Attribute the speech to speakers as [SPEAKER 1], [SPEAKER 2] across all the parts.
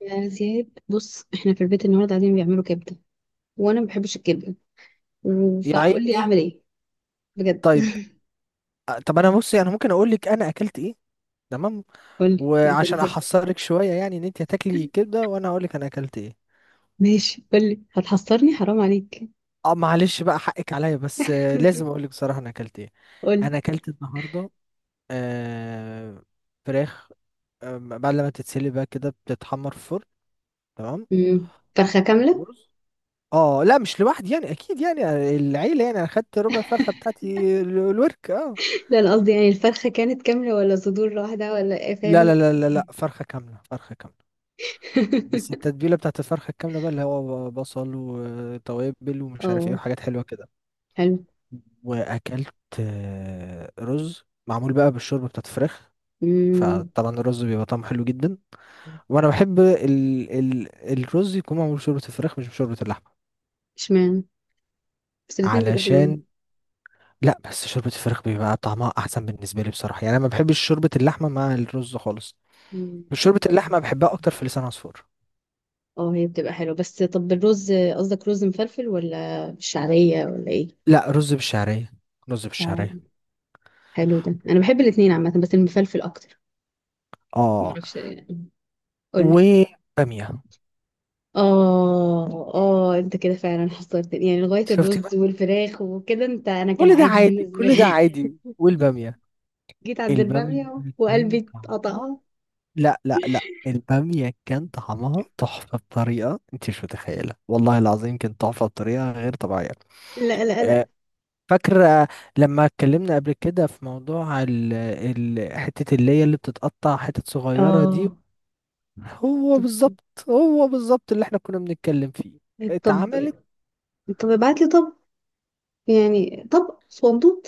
[SPEAKER 1] يا زياد، بص احنا في البيت النهارده قاعدين بيعملوا كبده، وانا ما بحبش الكبده،
[SPEAKER 2] يا
[SPEAKER 1] فقول لي
[SPEAKER 2] عيني.
[SPEAKER 1] اعمل ايه، بجد.
[SPEAKER 2] طيب، طب انا، بصي، انا ممكن اقول لك انا اكلت ايه؟ تمام.
[SPEAKER 1] قول لي يمكن
[SPEAKER 2] وعشان
[SPEAKER 1] احب.
[SPEAKER 2] احصرك شويه يعني ان انت هتاكلي كبده وانا اقول لك انا اكلت ايه.
[SPEAKER 1] ماشي قول لي، هتحصرني؟ حرام عليك.
[SPEAKER 2] اه، معلش بقى، حقك عليا، بس لازم اقول لك بصراحه انا اكلت ايه.
[SPEAKER 1] قول لي.
[SPEAKER 2] انا اكلت النهارده آه فراخ. بعد لما تتسلي بقى كده بتتحمر في الفرن. تمام.
[SPEAKER 1] امم فرخه كامله.
[SPEAKER 2] ورز. اه، لا، مش لوحدي يعني، اكيد يعني العيله يعني. انا خدت ربع فرخه بتاعتي الورك. اه.
[SPEAKER 1] لا، انا قصدي يعني الفرخه كانت كامله ولا صدور واحده ولا ايه،
[SPEAKER 2] لا لا
[SPEAKER 1] فاهمني؟
[SPEAKER 2] لا لا لا، فرخه كامله فرخه كامله. بس التتبيلة بتاعت الفرخة الكاملة بقى اللي هو بصل وتوابل ومش عارف ايه
[SPEAKER 1] اه،
[SPEAKER 2] وحاجات حلوة كده.
[SPEAKER 1] حلو.
[SPEAKER 2] وأكلت رز معمول بقى بالشوربة بتاعت الفراخ.
[SPEAKER 1] امم
[SPEAKER 2] فطبعا الرز بيبقى طعمه حلو جدا. وأنا بحب ال ال الرز يكون معمول بشوربة الفراخ مش بشوربة اللحمة.
[SPEAKER 1] اشمعنى؟ بس الاتنين بيبقوا حلوين.
[SPEAKER 2] علشان لا، بس شوربة الفراخ بيبقى طعمها أحسن بالنسبة لي بصراحة، يعني أنا ما بحبش شوربة اللحمة مع الرز خالص.
[SPEAKER 1] مم.
[SPEAKER 2] شوربة اللحمة بحبها أكتر في لسان عصفور.
[SPEAKER 1] اه هي بتبقى حلوه، بس طب الرز قصدك رز مفلفل ولا بالشعريه ولا ايه؟
[SPEAKER 2] لا، رز بالشعرية. رز
[SPEAKER 1] اه
[SPEAKER 2] بالشعرية.
[SPEAKER 1] حلو، ده انا بحب الاثنين عامه بس المفلفل اكتر.
[SPEAKER 2] اه.
[SPEAKER 1] معرفش يعني. قولي.
[SPEAKER 2] وبامية.
[SPEAKER 1] اه، اه، انت كده فعلا حصرتني، يعني لغايه
[SPEAKER 2] شفتي
[SPEAKER 1] الرز
[SPEAKER 2] بقى؟
[SPEAKER 1] والفراخ وكده انت، انا كان
[SPEAKER 2] كل ده
[SPEAKER 1] عادي
[SPEAKER 2] عادي،
[SPEAKER 1] بالنسبه
[SPEAKER 2] كل ده
[SPEAKER 1] لي.
[SPEAKER 2] عادي، والبامية.
[SPEAKER 1] جيت عند
[SPEAKER 2] البامية
[SPEAKER 1] الباميه
[SPEAKER 2] كان
[SPEAKER 1] وقلبي
[SPEAKER 2] طعمها.
[SPEAKER 1] اتقطع.
[SPEAKER 2] لا لا لا، البامية كان طعمها تحفة بطريقة انت مش متخيلة، والله العظيم كانت تحفة بطريقة غير طبيعية.
[SPEAKER 1] لا لا لا.
[SPEAKER 2] آه، فاكرة لما اتكلمنا قبل كده في موضوع ال ال حتة اللي هي اللي بتتقطع حتت صغيرة دي.
[SPEAKER 1] اه،
[SPEAKER 2] هو
[SPEAKER 1] طب،
[SPEAKER 2] بالظبط. هو بالظبط اللي احنا كنا بنتكلم فيه.
[SPEAKER 1] طب
[SPEAKER 2] اتعملت.
[SPEAKER 1] طب ابعت لي. طب يعني طب صندوق،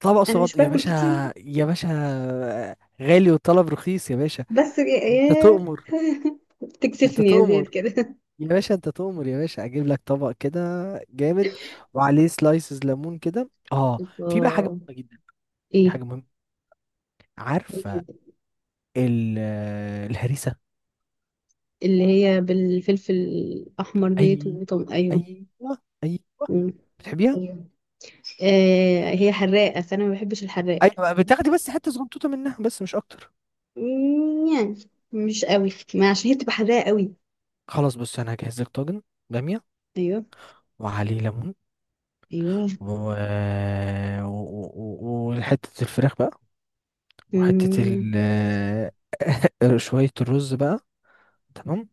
[SPEAKER 2] طبق
[SPEAKER 1] انا
[SPEAKER 2] صغير
[SPEAKER 1] مش
[SPEAKER 2] يا
[SPEAKER 1] باكل
[SPEAKER 2] باشا.
[SPEAKER 1] كتير.
[SPEAKER 2] يا باشا، غالي وطلب رخيص يا باشا.
[SPEAKER 1] بس
[SPEAKER 2] انت
[SPEAKER 1] يا
[SPEAKER 2] تؤمر. انت
[SPEAKER 1] بتكسفني يا زياد
[SPEAKER 2] تؤمر
[SPEAKER 1] كده.
[SPEAKER 2] يا باشا. انت تؤمر يا باشا، اجيب لك طبق كده جامد وعليه سلايسز ليمون كده. اه. في بقى حاجه
[SPEAKER 1] اه.
[SPEAKER 2] مهمه جدا. في حاجه مهمه. عارفه؟
[SPEAKER 1] ايه
[SPEAKER 2] الهريسه.
[SPEAKER 1] اللي هي بالفلفل الأحمر ديت
[SPEAKER 2] ايوه.
[SPEAKER 1] وطم؟ أيوه.
[SPEAKER 2] ايوه. ايوه.
[SPEAKER 1] مم.
[SPEAKER 2] بتحبيها؟
[SPEAKER 1] ايوه. آه هي
[SPEAKER 2] آه،
[SPEAKER 1] حراقة، فأنا ما بحبش الحراق.
[SPEAKER 2] ايوه بقى، بتاخدي بس حته صغنطوطه منها، بس مش اكتر.
[SPEAKER 1] يعني مش قوي، ما عشان هي بتبقى حراقة قوي.
[SPEAKER 2] خلاص، بص انا هجهز لك طاجن باميه
[SPEAKER 1] أيوه.
[SPEAKER 2] وعليه ليمون
[SPEAKER 1] أيوه.
[SPEAKER 2] و... و... و... و- وحته الفراخ بقى. وحته
[SPEAKER 1] مم.
[SPEAKER 2] شويه الرز بقى. تمام.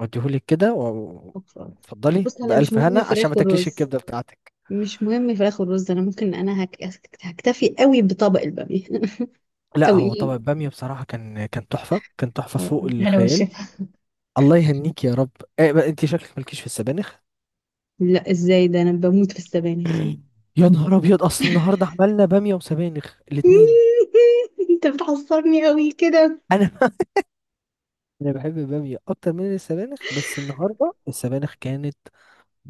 [SPEAKER 2] وديهولك كده
[SPEAKER 1] أوكي.
[SPEAKER 2] اتفضلي
[SPEAKER 1] بص، أنا مش
[SPEAKER 2] بألف
[SPEAKER 1] مهم
[SPEAKER 2] هنا عشان ما
[SPEAKER 1] الفراخ
[SPEAKER 2] تاكليش
[SPEAKER 1] والرز،
[SPEAKER 2] الكبدة بتاعتك.
[SPEAKER 1] مش مهم الفراخ والرز. أنا ممكن، هكتفي قوي بطبق البامية.
[SPEAKER 2] لا،
[SPEAKER 1] قوي.
[SPEAKER 2] هو
[SPEAKER 1] ايه،
[SPEAKER 2] طبق البامية بصراحة كان تحفة، كان تحفة فوق
[SPEAKER 1] هلا
[SPEAKER 2] الخيال.
[SPEAKER 1] والشفا.
[SPEAKER 2] الله يهنيك يا رب. إيه بقى؟ انت شكلك مالكيش في السبانخ؟
[SPEAKER 1] لا، ازاي؟ ده انا بموت في السبانخ.
[SPEAKER 2] يا نهار ابيض، اصل النهارده عملنا بامية وسبانخ الاتنين.
[SPEAKER 1] انت بتعصبني قوي كده.
[SPEAKER 2] انا انا بحب البامية اكتر من السبانخ، بس النهارده السبانخ كانت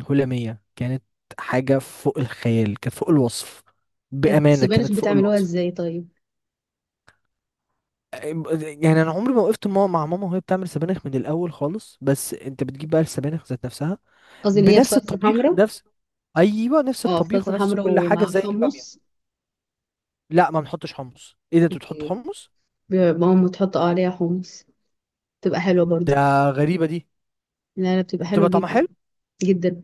[SPEAKER 2] هلامية، كانت حاجة فوق الخيال، كانت فوق الوصف، بأمانة
[SPEAKER 1] السبانخ
[SPEAKER 2] كانت فوق
[SPEAKER 1] بتعملوها
[SPEAKER 2] الوصف.
[SPEAKER 1] ازاي طيب؟
[SPEAKER 2] يعني انا عمري ما وقفت مع ماما وهي بتعمل سبانخ من الاول خالص، بس انت بتجيب بقى السبانخ ذات نفسها.
[SPEAKER 1] قصدي اللي هي
[SPEAKER 2] بنفس
[SPEAKER 1] بصلصه
[SPEAKER 2] الطبيخ
[SPEAKER 1] حمراء.
[SPEAKER 2] ايوه، نفس
[SPEAKER 1] اه
[SPEAKER 2] الطبيخ
[SPEAKER 1] بصلصه
[SPEAKER 2] ونفس
[SPEAKER 1] حمراء
[SPEAKER 2] كل حاجه
[SPEAKER 1] ومعاها
[SPEAKER 2] زي الباميه.
[SPEAKER 1] حمص.
[SPEAKER 2] لا، ما بنحطش حمص، ايه ده انت بتحط
[SPEAKER 1] اوكي.
[SPEAKER 2] حمص؟
[SPEAKER 1] ماما تحط عليها حمص، بتبقى حلوه برضو.
[SPEAKER 2] ده، غريبه دي.
[SPEAKER 1] لا لا، بتبقى حلوه
[SPEAKER 2] بتبقى طعمها
[SPEAKER 1] جدا.
[SPEAKER 2] حلو.
[SPEAKER 1] جدا.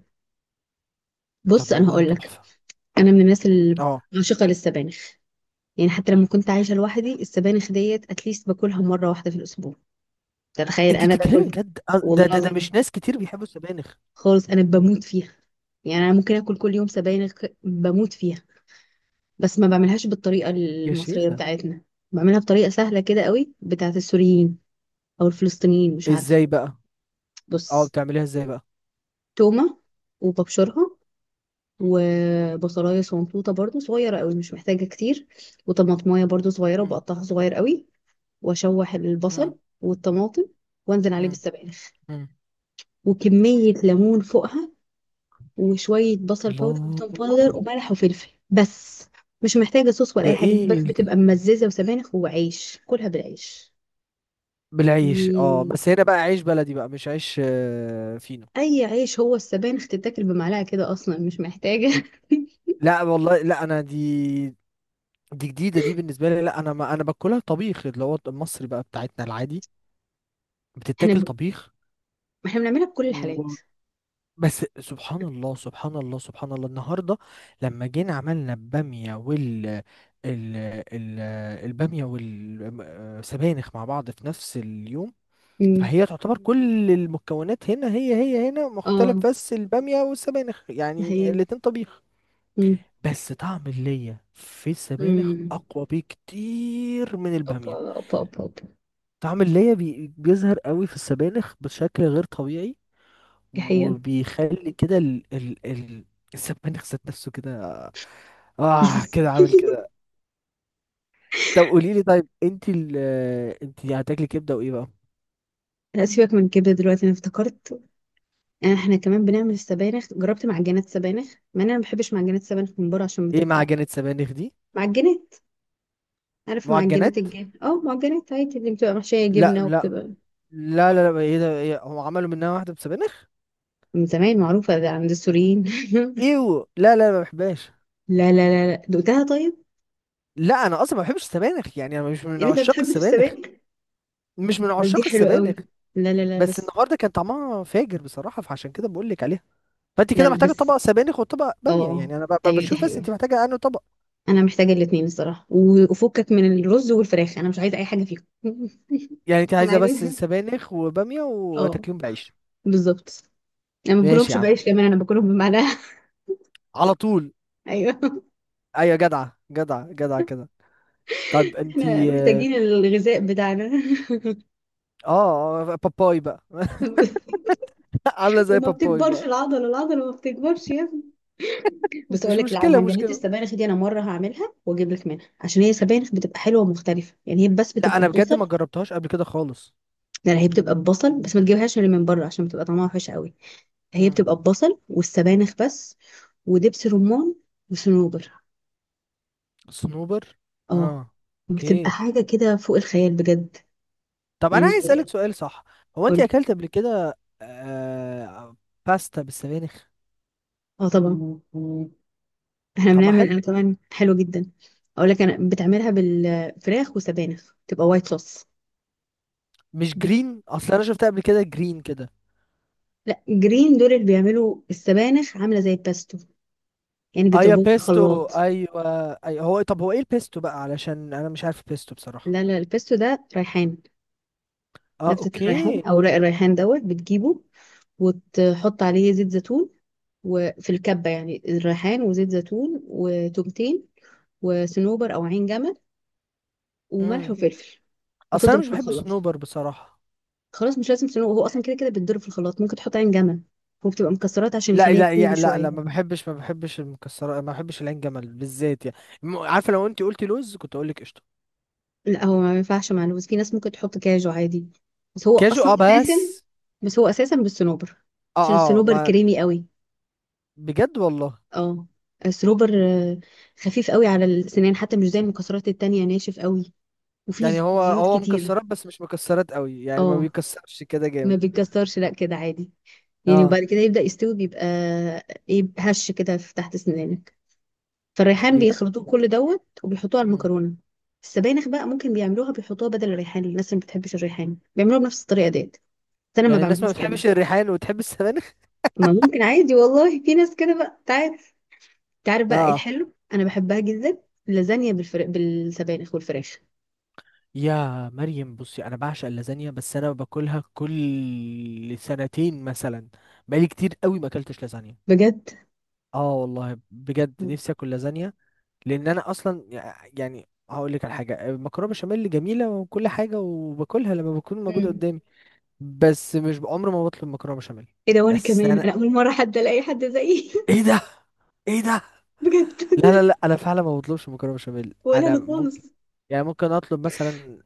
[SPEAKER 2] طب
[SPEAKER 1] بص انا
[SPEAKER 2] والله
[SPEAKER 1] هقول لك،
[SPEAKER 2] تحفه.
[SPEAKER 1] انا من الناس اللي
[SPEAKER 2] اه،
[SPEAKER 1] عاشقه للسبانخ. يعني حتى لما كنت عايشه لوحدي، السبانخ ديت اتليست باكلها مره واحده في الاسبوع، تتخيل؟
[SPEAKER 2] انت
[SPEAKER 1] انا
[SPEAKER 2] بتتكلمي
[SPEAKER 1] باكل.
[SPEAKER 2] بجد؟ ده
[SPEAKER 1] والله
[SPEAKER 2] ده ده
[SPEAKER 1] العظيم،
[SPEAKER 2] مش ناس كتير بيحبوا السبانخ.
[SPEAKER 1] خالص انا بموت فيها. يعني انا ممكن اكل كل يوم سبانخ، بموت فيها. بس ما بعملهاش بالطريقة
[SPEAKER 2] يا
[SPEAKER 1] المصرية
[SPEAKER 2] شيخة.
[SPEAKER 1] بتاعتنا، بعملها بطريقة سهلة كده قوي بتاعة السوريين، أو الفلسطينيين، مش عارفة.
[SPEAKER 2] ازاي بقى؟ اه،
[SPEAKER 1] بص،
[SPEAKER 2] بتعمليها ازاي بقى؟
[SPEAKER 1] تومة وببشرها، وبصلاية صنطوطة برضو صغيرة قوي مش محتاجة كتير، وطماطماية برضو صغيرة
[SPEAKER 2] مم،
[SPEAKER 1] وبقطعها صغير قوي. وأشوح
[SPEAKER 2] مم،
[SPEAKER 1] البصل والطماطم، وأنزل عليه
[SPEAKER 2] مم،
[SPEAKER 1] بالسبانخ،
[SPEAKER 2] مم.
[SPEAKER 1] وكمية ليمون فوقها، وشوية بصل باودر وتوم باودر
[SPEAKER 2] الله.
[SPEAKER 1] وملح وفلفل بس. مش محتاجة صوص ولا
[SPEAKER 2] ده
[SPEAKER 1] أي حاجة،
[SPEAKER 2] ايه؟
[SPEAKER 1] بس بتبقى ممززة وسبانخ وعيش، كلها بالعيش.
[SPEAKER 2] بالعيش، اه
[SPEAKER 1] مم.
[SPEAKER 2] بس هنا بقى عيش بلدي، بقى مش عيش فينو.
[SPEAKER 1] اي عيش، هو السبانخ تتاكل بمعلقه كده اصلا، مش محتاجه.
[SPEAKER 2] لا والله، لا انا دي جديده دي بالنسبه لي، لا انا، ما انا باكلها طبيخ اللي هو المصري بقى بتاعتنا العادي.
[SPEAKER 1] احنا
[SPEAKER 2] بتتاكل
[SPEAKER 1] ب...
[SPEAKER 2] طبيخ.
[SPEAKER 1] احنا بنعملها بكل
[SPEAKER 2] و...
[SPEAKER 1] الحالات.
[SPEAKER 2] بس سبحان الله سبحان الله سبحان الله النهارده، لما جينا عملنا الباميه وال ال... ال... الباميه والسبانخ مع بعض في نفس اليوم.
[SPEAKER 1] امم
[SPEAKER 2] فهي تعتبر كل المكونات هنا هي هنا
[SPEAKER 1] اه،
[SPEAKER 2] مختلف، بس البامية والسبانخ
[SPEAKER 1] ده
[SPEAKER 2] يعني
[SPEAKER 1] هي.
[SPEAKER 2] الاتنين طبيخ.
[SPEAKER 1] امم
[SPEAKER 2] بس طعم اللية في السبانخ
[SPEAKER 1] امم
[SPEAKER 2] أقوى بكتير من
[SPEAKER 1] اوبا
[SPEAKER 2] البامية.
[SPEAKER 1] اوبا اوبا اوبا.
[SPEAKER 2] طعم اللية بيظهر قوي في السبانخ بشكل غير طبيعي،
[SPEAKER 1] دي حقيقة.
[SPEAKER 2] وبيخلي كده ال ال ال السبانخ ذات نفسه كده، اه
[SPEAKER 1] مش-
[SPEAKER 2] كده عامل كده. طب قولي لي، طيب، انت هتاكلي كبدة وايه بقى؟
[SPEAKER 1] لا سيبك من الكبده دلوقتي، انا افتكرت. احنا كمان بنعمل السبانخ، جربت معجنات سبانخ مع ان انا ما بحبش معجنات سبانخ من بره عشان
[SPEAKER 2] ايه
[SPEAKER 1] بتبقى
[SPEAKER 2] معجنات سبانخ دي؟
[SPEAKER 1] معجنات. عارف معجنات
[SPEAKER 2] معجنات؟
[SPEAKER 1] الجبن؟ اه معجنات عادي اللي بتبقى محشيه
[SPEAKER 2] لا
[SPEAKER 1] جبنه
[SPEAKER 2] لا
[SPEAKER 1] وبتبقى.
[SPEAKER 2] لا لا لا، ايه ده، إيه، هم عملوا منها واحدة بسبانخ؟
[SPEAKER 1] من زمان معروفه ده عند السوريين.
[SPEAKER 2] ايوه، لا لا ما بحبهاش.
[SPEAKER 1] لا لا لا لا، دقتها طيب؟
[SPEAKER 2] لا انا اصلا ما بحبش السبانخ، يعني انا مش من
[SPEAKER 1] يعني انت
[SPEAKER 2] عشاق
[SPEAKER 1] بتحب في
[SPEAKER 2] السبانخ،
[SPEAKER 1] السباق،
[SPEAKER 2] مش من
[SPEAKER 1] بس
[SPEAKER 2] عشاق
[SPEAKER 1] دي حلو قوي.
[SPEAKER 2] السبانخ.
[SPEAKER 1] لا لا لا،
[SPEAKER 2] بس
[SPEAKER 1] بس.
[SPEAKER 2] النهارده كان طعمها فاجر بصراحة، فعشان كده بقول لك عليها. فانت
[SPEAKER 1] لا
[SPEAKER 2] كده
[SPEAKER 1] لا،
[SPEAKER 2] محتاجة
[SPEAKER 1] بس
[SPEAKER 2] طبق سبانخ وطبق بامية،
[SPEAKER 1] اه،
[SPEAKER 2] يعني انا
[SPEAKER 1] ايوه دي
[SPEAKER 2] بشوف بس
[SPEAKER 1] حقيقة.
[SPEAKER 2] انت محتاجة انه طبق.
[SPEAKER 1] انا محتاجة الاتنين الصراحة، و- وفكك من الرز والفراخ، انا مش عايزة اي حاجة فيهم.
[SPEAKER 2] يعني انت
[SPEAKER 1] انا
[SPEAKER 2] عايزة بس
[SPEAKER 1] عايزة،
[SPEAKER 2] سبانخ وبامية
[SPEAKER 1] اه،
[SPEAKER 2] وتاكليهم بعيش؟
[SPEAKER 1] بالظبط. انا ما
[SPEAKER 2] ماشي
[SPEAKER 1] باكلهمش
[SPEAKER 2] يا عم.
[SPEAKER 1] بعيش كمان، انا باكلهم بمعناها.
[SPEAKER 2] على طول.
[SPEAKER 1] ايوه.
[SPEAKER 2] ايوه، جدعة جدعة جدعة كده. طب انت
[SPEAKER 1] احنا محتاجين الغذاء بتاعنا.
[SPEAKER 2] باباي بقى. عاملة زي
[SPEAKER 1] وما
[SPEAKER 2] باباي
[SPEAKER 1] بتكبرش
[SPEAKER 2] بقى.
[SPEAKER 1] العضله، العضله ما بتكبرش يا ابني. بس اقول
[SPEAKER 2] مش
[SPEAKER 1] لك،
[SPEAKER 2] مشكلة،
[SPEAKER 1] العجينات
[SPEAKER 2] مشكلة.
[SPEAKER 1] السبانخ دي انا مره هعملها واجيب لك منها، عشان هي سبانخ بتبقى حلوه ومختلفه، يعني هي بس
[SPEAKER 2] لا،
[SPEAKER 1] بتبقى
[SPEAKER 2] انا بجد
[SPEAKER 1] ببصل.
[SPEAKER 2] ما جربتهاش قبل كده خالص.
[SPEAKER 1] لا لا، هي بتبقى ببصل بس ما تجيبهاش اللي من بره عشان بتبقى طعمها وحش قوي. هي بتبقى
[SPEAKER 2] مم.
[SPEAKER 1] ببصل والسبانخ بس. ودبس رمان. وصنوبر.
[SPEAKER 2] صنوبر؟ اه،
[SPEAKER 1] اه، بتبقى
[SPEAKER 2] اوكي.
[SPEAKER 1] حاجة كده فوق الخيال بجد.
[SPEAKER 2] طب انا عايز اسالك
[SPEAKER 1] يعني.
[SPEAKER 2] سؤال صح. هو انت
[SPEAKER 1] قولي.
[SPEAKER 2] اكلت قبل كده باستا بالسبانخ؟
[SPEAKER 1] اه طبعا. احنا
[SPEAKER 2] طعمها
[SPEAKER 1] بنعمل
[SPEAKER 2] حلو.
[SPEAKER 1] انا كمان حلو جدا. اقول لك، انا بتعملها بالفراخ وسبانخ، تبقى وايت صوص.
[SPEAKER 2] مش
[SPEAKER 1] بت...
[SPEAKER 2] جرين؟ اصل انا شفتها قبل كده جرين كده.
[SPEAKER 1] لا، جرين دول اللي بيعملوا السبانخ عاملة زي الباستو، يعني
[SPEAKER 2] ايوه
[SPEAKER 1] بيضربوه في
[SPEAKER 2] بيستو،
[SPEAKER 1] الخلاط.
[SPEAKER 2] ايوه ايوه، هو طب هو ايه البيستو بقى، علشان انا مش عارف البيستو بصراحة.
[SPEAKER 1] لا لا، الباستو ده ريحان.
[SPEAKER 2] اه،
[SPEAKER 1] نبتة الريحان
[SPEAKER 2] اوكي.
[SPEAKER 1] او رق الريحان دوت، بتجيبه وتحط عليه زيت زيتون، وفي الكبة يعني الريحان وزيت زيتون وتومتين، وصنوبر أو عين جمل، وملح
[SPEAKER 2] امم
[SPEAKER 1] وفلفل،
[SPEAKER 2] اصل انا
[SPEAKER 1] وتضرب
[SPEAKER 2] مش
[SPEAKER 1] في
[SPEAKER 2] بحب
[SPEAKER 1] الخلاط.
[SPEAKER 2] صنوبر بصراحة.
[SPEAKER 1] خلاص مش لازم صنوبر، هو أصلا كده كده بيتضرب في الخلاط، ممكن تحط عين جمل، وبتبقى مكسرات عشان
[SPEAKER 2] لا
[SPEAKER 1] يخليها
[SPEAKER 2] لا
[SPEAKER 1] كريمي
[SPEAKER 2] يعني، لا لا،
[SPEAKER 1] شوية.
[SPEAKER 2] ما بحبش المكسرات، ما بحبش العين جمل بالذات يعني. عارفه، لو انت قلتي لوز كنت اقول لك قشطه.
[SPEAKER 1] لا هو ما ينفعش مع اللوز، في ناس ممكن تحط كاجو عادي. بس هو
[SPEAKER 2] كاجو
[SPEAKER 1] أصلا
[SPEAKER 2] اه
[SPEAKER 1] أساسا
[SPEAKER 2] بس.
[SPEAKER 1] بس هو أساسا بالصنوبر،
[SPEAKER 2] اه
[SPEAKER 1] عشان
[SPEAKER 2] اه
[SPEAKER 1] الصنوبر
[SPEAKER 2] ما.
[SPEAKER 1] كريمي قوي.
[SPEAKER 2] بجد والله.
[SPEAKER 1] اه. الصنوبر خفيف قوي على السنان، حتى مش زي المكسرات التانية ناشف قوي. وفي
[SPEAKER 2] يعني هو
[SPEAKER 1] زيوت
[SPEAKER 2] هو
[SPEAKER 1] كتير.
[SPEAKER 2] مكسرات بس مش مكسرات قوي، يعني ما
[SPEAKER 1] اه
[SPEAKER 2] بيكسرش كده
[SPEAKER 1] ما
[SPEAKER 2] جامد.
[SPEAKER 1] بيتكسرش، لا كده عادي، يعني
[SPEAKER 2] اه
[SPEAKER 1] وبعد كده يبدأ يستوي بيبقى ايه، هش كده في تحت سنانك. فالريحان
[SPEAKER 2] بجد.
[SPEAKER 1] بيخلطوه كل دوت وبيحطوه على
[SPEAKER 2] مم.
[SPEAKER 1] المكرونة. السبانخ بقى ممكن بيعملوها، بيحطوها بدل الريحان، الناس اللي ما بتحبش الريحان بيعملوها بنفس الطريقة ديت، بس انا ما
[SPEAKER 2] يعني الناس ما
[SPEAKER 1] بعملهاش كده.
[SPEAKER 2] بتحبش الريحان وتحب السبانخ؟
[SPEAKER 1] ما ممكن عادي والله. في ناس كده بقى، تعرف؟ تعرف بقى ايه
[SPEAKER 2] اه.
[SPEAKER 1] الحلو؟ انا بحبها جدا. اللازانيا بالسبانخ والفراخ،
[SPEAKER 2] يا مريم بصي، انا بعشق اللازانيا، بس انا باكلها كل سنتين مثلا. بقالي كتير قوي ما اكلتش لازانيا.
[SPEAKER 1] بجد.
[SPEAKER 2] اه والله بجد، نفسي اكل لازانيا. لان انا اصلا يعني هقول لك على حاجه، المكرونه بشاميل جميله وكل حاجه، وباكلها لما بتكون موجوده
[SPEAKER 1] مم.
[SPEAKER 2] قدامي. بس مش عمري ما بطلب مكرونه بشاميل.
[SPEAKER 1] ايه ده، وانا
[SPEAKER 2] بس
[SPEAKER 1] كمان
[SPEAKER 2] انا،
[SPEAKER 1] انا اول مرة حد الاقي حد زيي.
[SPEAKER 2] ايه ده، ايه ده.
[SPEAKER 1] بجد.
[SPEAKER 2] لا لا لا، انا فعلا ما بطلبش مكرونه بشاميل،
[SPEAKER 1] ولا
[SPEAKER 2] انا
[SPEAKER 1] انا
[SPEAKER 2] ممكن،
[SPEAKER 1] خالص.
[SPEAKER 2] يعني ممكن اطلب مثلا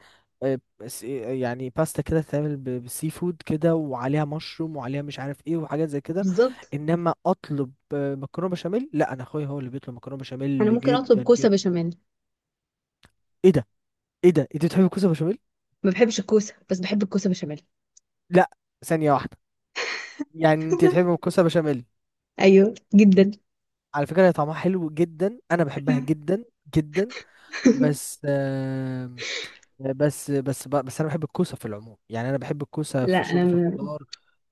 [SPEAKER 2] آه، يعني باستا كده تتعمل بالسي فود كده وعليها مشروم وعليها مش عارف ايه وحاجات زي كده.
[SPEAKER 1] بالظبط،
[SPEAKER 2] انما اطلب مكرونه بشاميل، لا انا اخويا هو اللي بيطلب مكرونه
[SPEAKER 1] انا
[SPEAKER 2] بشاميل
[SPEAKER 1] ممكن اطلب
[SPEAKER 2] جدا
[SPEAKER 1] كوسه
[SPEAKER 2] جدا.
[SPEAKER 1] بشاميل.
[SPEAKER 2] ايه ده، ايه ده، انت بتحب الكوسه بشاميل؟
[SPEAKER 1] ما بحبش الكوسه، بس بحب الكوسه بشاميل.
[SPEAKER 2] لا. ثانية واحدة. يعني انت بتحبي الكوسة بشاميل؟
[SPEAKER 1] ايوه جدا.
[SPEAKER 2] على فكرة هي طعمها حلو جدا، انا بحبها جدا جدا. بس بس انا بحب الكوسة في العموم، يعني انا بحب الكوسة
[SPEAKER 1] لا
[SPEAKER 2] في
[SPEAKER 1] انا
[SPEAKER 2] شوربة الخضار.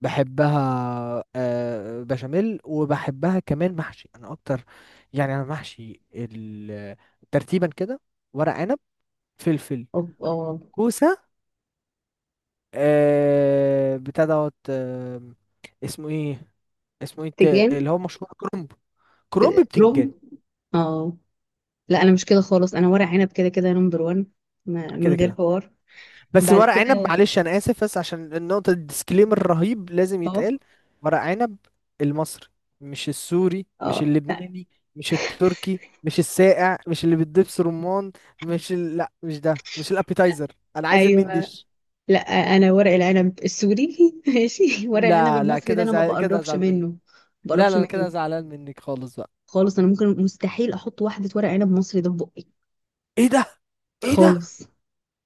[SPEAKER 2] بحبها بشاميل، وبحبها كمان محشي، انا اكتر. يعني انا محشي ترتيبا كده: ورق عنب، فلفل،
[SPEAKER 1] اه، اه،
[SPEAKER 2] كوسة، بتاع دوت اسمه ايه، اسمه ايه
[SPEAKER 1] تجان.
[SPEAKER 2] اللي هو مشروع كرنب. كرومب بتنجان.
[SPEAKER 1] روم. اه. لا انا مش كده خالص، انا ورق عنب كده كده نمبر 1، من
[SPEAKER 2] كده
[SPEAKER 1] غير
[SPEAKER 2] كده.
[SPEAKER 1] حوار.
[SPEAKER 2] بس
[SPEAKER 1] بعد
[SPEAKER 2] ورق عنب
[SPEAKER 1] كده،
[SPEAKER 2] معلش انا اسف، بس عشان النقطه، الديسكليمر الرهيب لازم
[SPEAKER 1] اه،
[SPEAKER 2] يتقال. ورق عنب المصري، مش السوري، مش
[SPEAKER 1] اه، لا،
[SPEAKER 2] اللبناني، مش التركي، مش الساقع، مش اللي بتدبس رمان، مش ال... لا مش ده، مش الابيتايزر، انا عايز المين
[SPEAKER 1] ايوه.
[SPEAKER 2] ديش.
[SPEAKER 1] لا، انا ورق العنب السوري. ماشي. ورق العنب
[SPEAKER 2] لا لا
[SPEAKER 1] المصري ده
[SPEAKER 2] كده
[SPEAKER 1] انا ما
[SPEAKER 2] كده
[SPEAKER 1] بقربش
[SPEAKER 2] ازعل منك.
[SPEAKER 1] منه، ما
[SPEAKER 2] لا
[SPEAKER 1] بقربش
[SPEAKER 2] لا، انا كده
[SPEAKER 1] منه
[SPEAKER 2] زعلان منك خالص بقى.
[SPEAKER 1] خالص. انا ممكن مستحيل احط واحده ورق عنب مصري ده في بقي،
[SPEAKER 2] ايه ده، ايه ده،
[SPEAKER 1] خالص.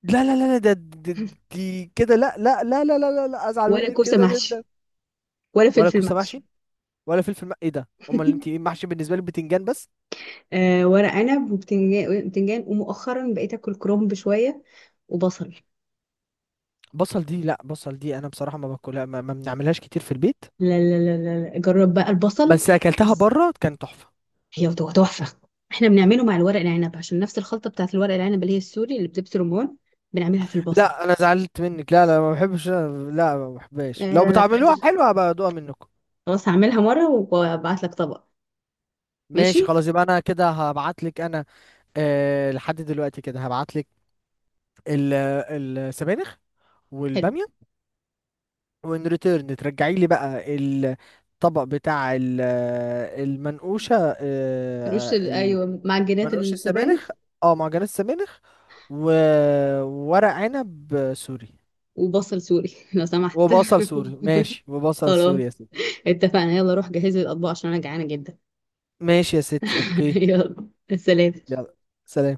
[SPEAKER 2] لا لا لا لا، دي كده، لا لا لا لا لا لا لا، ازعل
[SPEAKER 1] ولا
[SPEAKER 2] منك
[SPEAKER 1] كوسة
[SPEAKER 2] كده جدا.
[SPEAKER 1] محشي. ولا
[SPEAKER 2] ولا
[SPEAKER 1] فلفل
[SPEAKER 2] كوسه
[SPEAKER 1] محشي.
[SPEAKER 2] محشي، ولا فلفل ايه ده، امال انت ايه محشي بالنسبه لي؟ بتنجان بس.
[SPEAKER 1] آه، ورق عنب وبتنجان. بتنجان، ومؤخرا بقيت اكل كرنب شوية وبصل.
[SPEAKER 2] بصل دي، لا، بصل دي انا بصراحه ما باكلها، ما بنعملهاش كتير في البيت.
[SPEAKER 1] لا لا لا لا لا. جرب بقى البصل.
[SPEAKER 2] بس اكلتها
[SPEAKER 1] بس
[SPEAKER 2] بره كان تحفه.
[SPEAKER 1] هي تحفة. احنا بنعمله مع الورق العنب، عشان نفس الخلطة بتاعت الورق العنب اللي هي السوري اللي بتبس رمان، بنعملها في البصل.
[SPEAKER 2] لا انا زعلت منك، لا لا ما بحبش، لا ما بحبهاش،
[SPEAKER 1] آه
[SPEAKER 2] لو
[SPEAKER 1] لا لا،
[SPEAKER 2] بتعملوها
[SPEAKER 1] بتعمل.
[SPEAKER 2] حلوه هبقى ادوقها منكم.
[SPEAKER 1] خلاص هعملها مرة وابعت لك طبق. ماشي.
[SPEAKER 2] ماشي خلاص، يبقى انا كده هبعت لك انا. أه، لحد دلوقتي كده هبعت لك السبانخ
[SPEAKER 1] حلو.
[SPEAKER 2] والباميه، وان ريتيرن ترجعي لي بقى الطبق بتاع المنقوشه أه.
[SPEAKER 1] ايوه، معجنات
[SPEAKER 2] منقوش
[SPEAKER 1] السبانخ.
[SPEAKER 2] السبانخ، اه معجنات السبانخ و... وورق عنب سوري.
[SPEAKER 1] وبصل سوري، لو سمحت.
[SPEAKER 2] وبصل سوري، ماشي، وبصل
[SPEAKER 1] خلاص.
[SPEAKER 2] سوري يا ستي.
[SPEAKER 1] اتفقنا. يلا روح جهزي الأطباق عشان أنا جعانة جدا.
[SPEAKER 2] ماشي يا ستي، اوكي.
[SPEAKER 1] يلا. سلام.
[SPEAKER 2] يلا. سلام.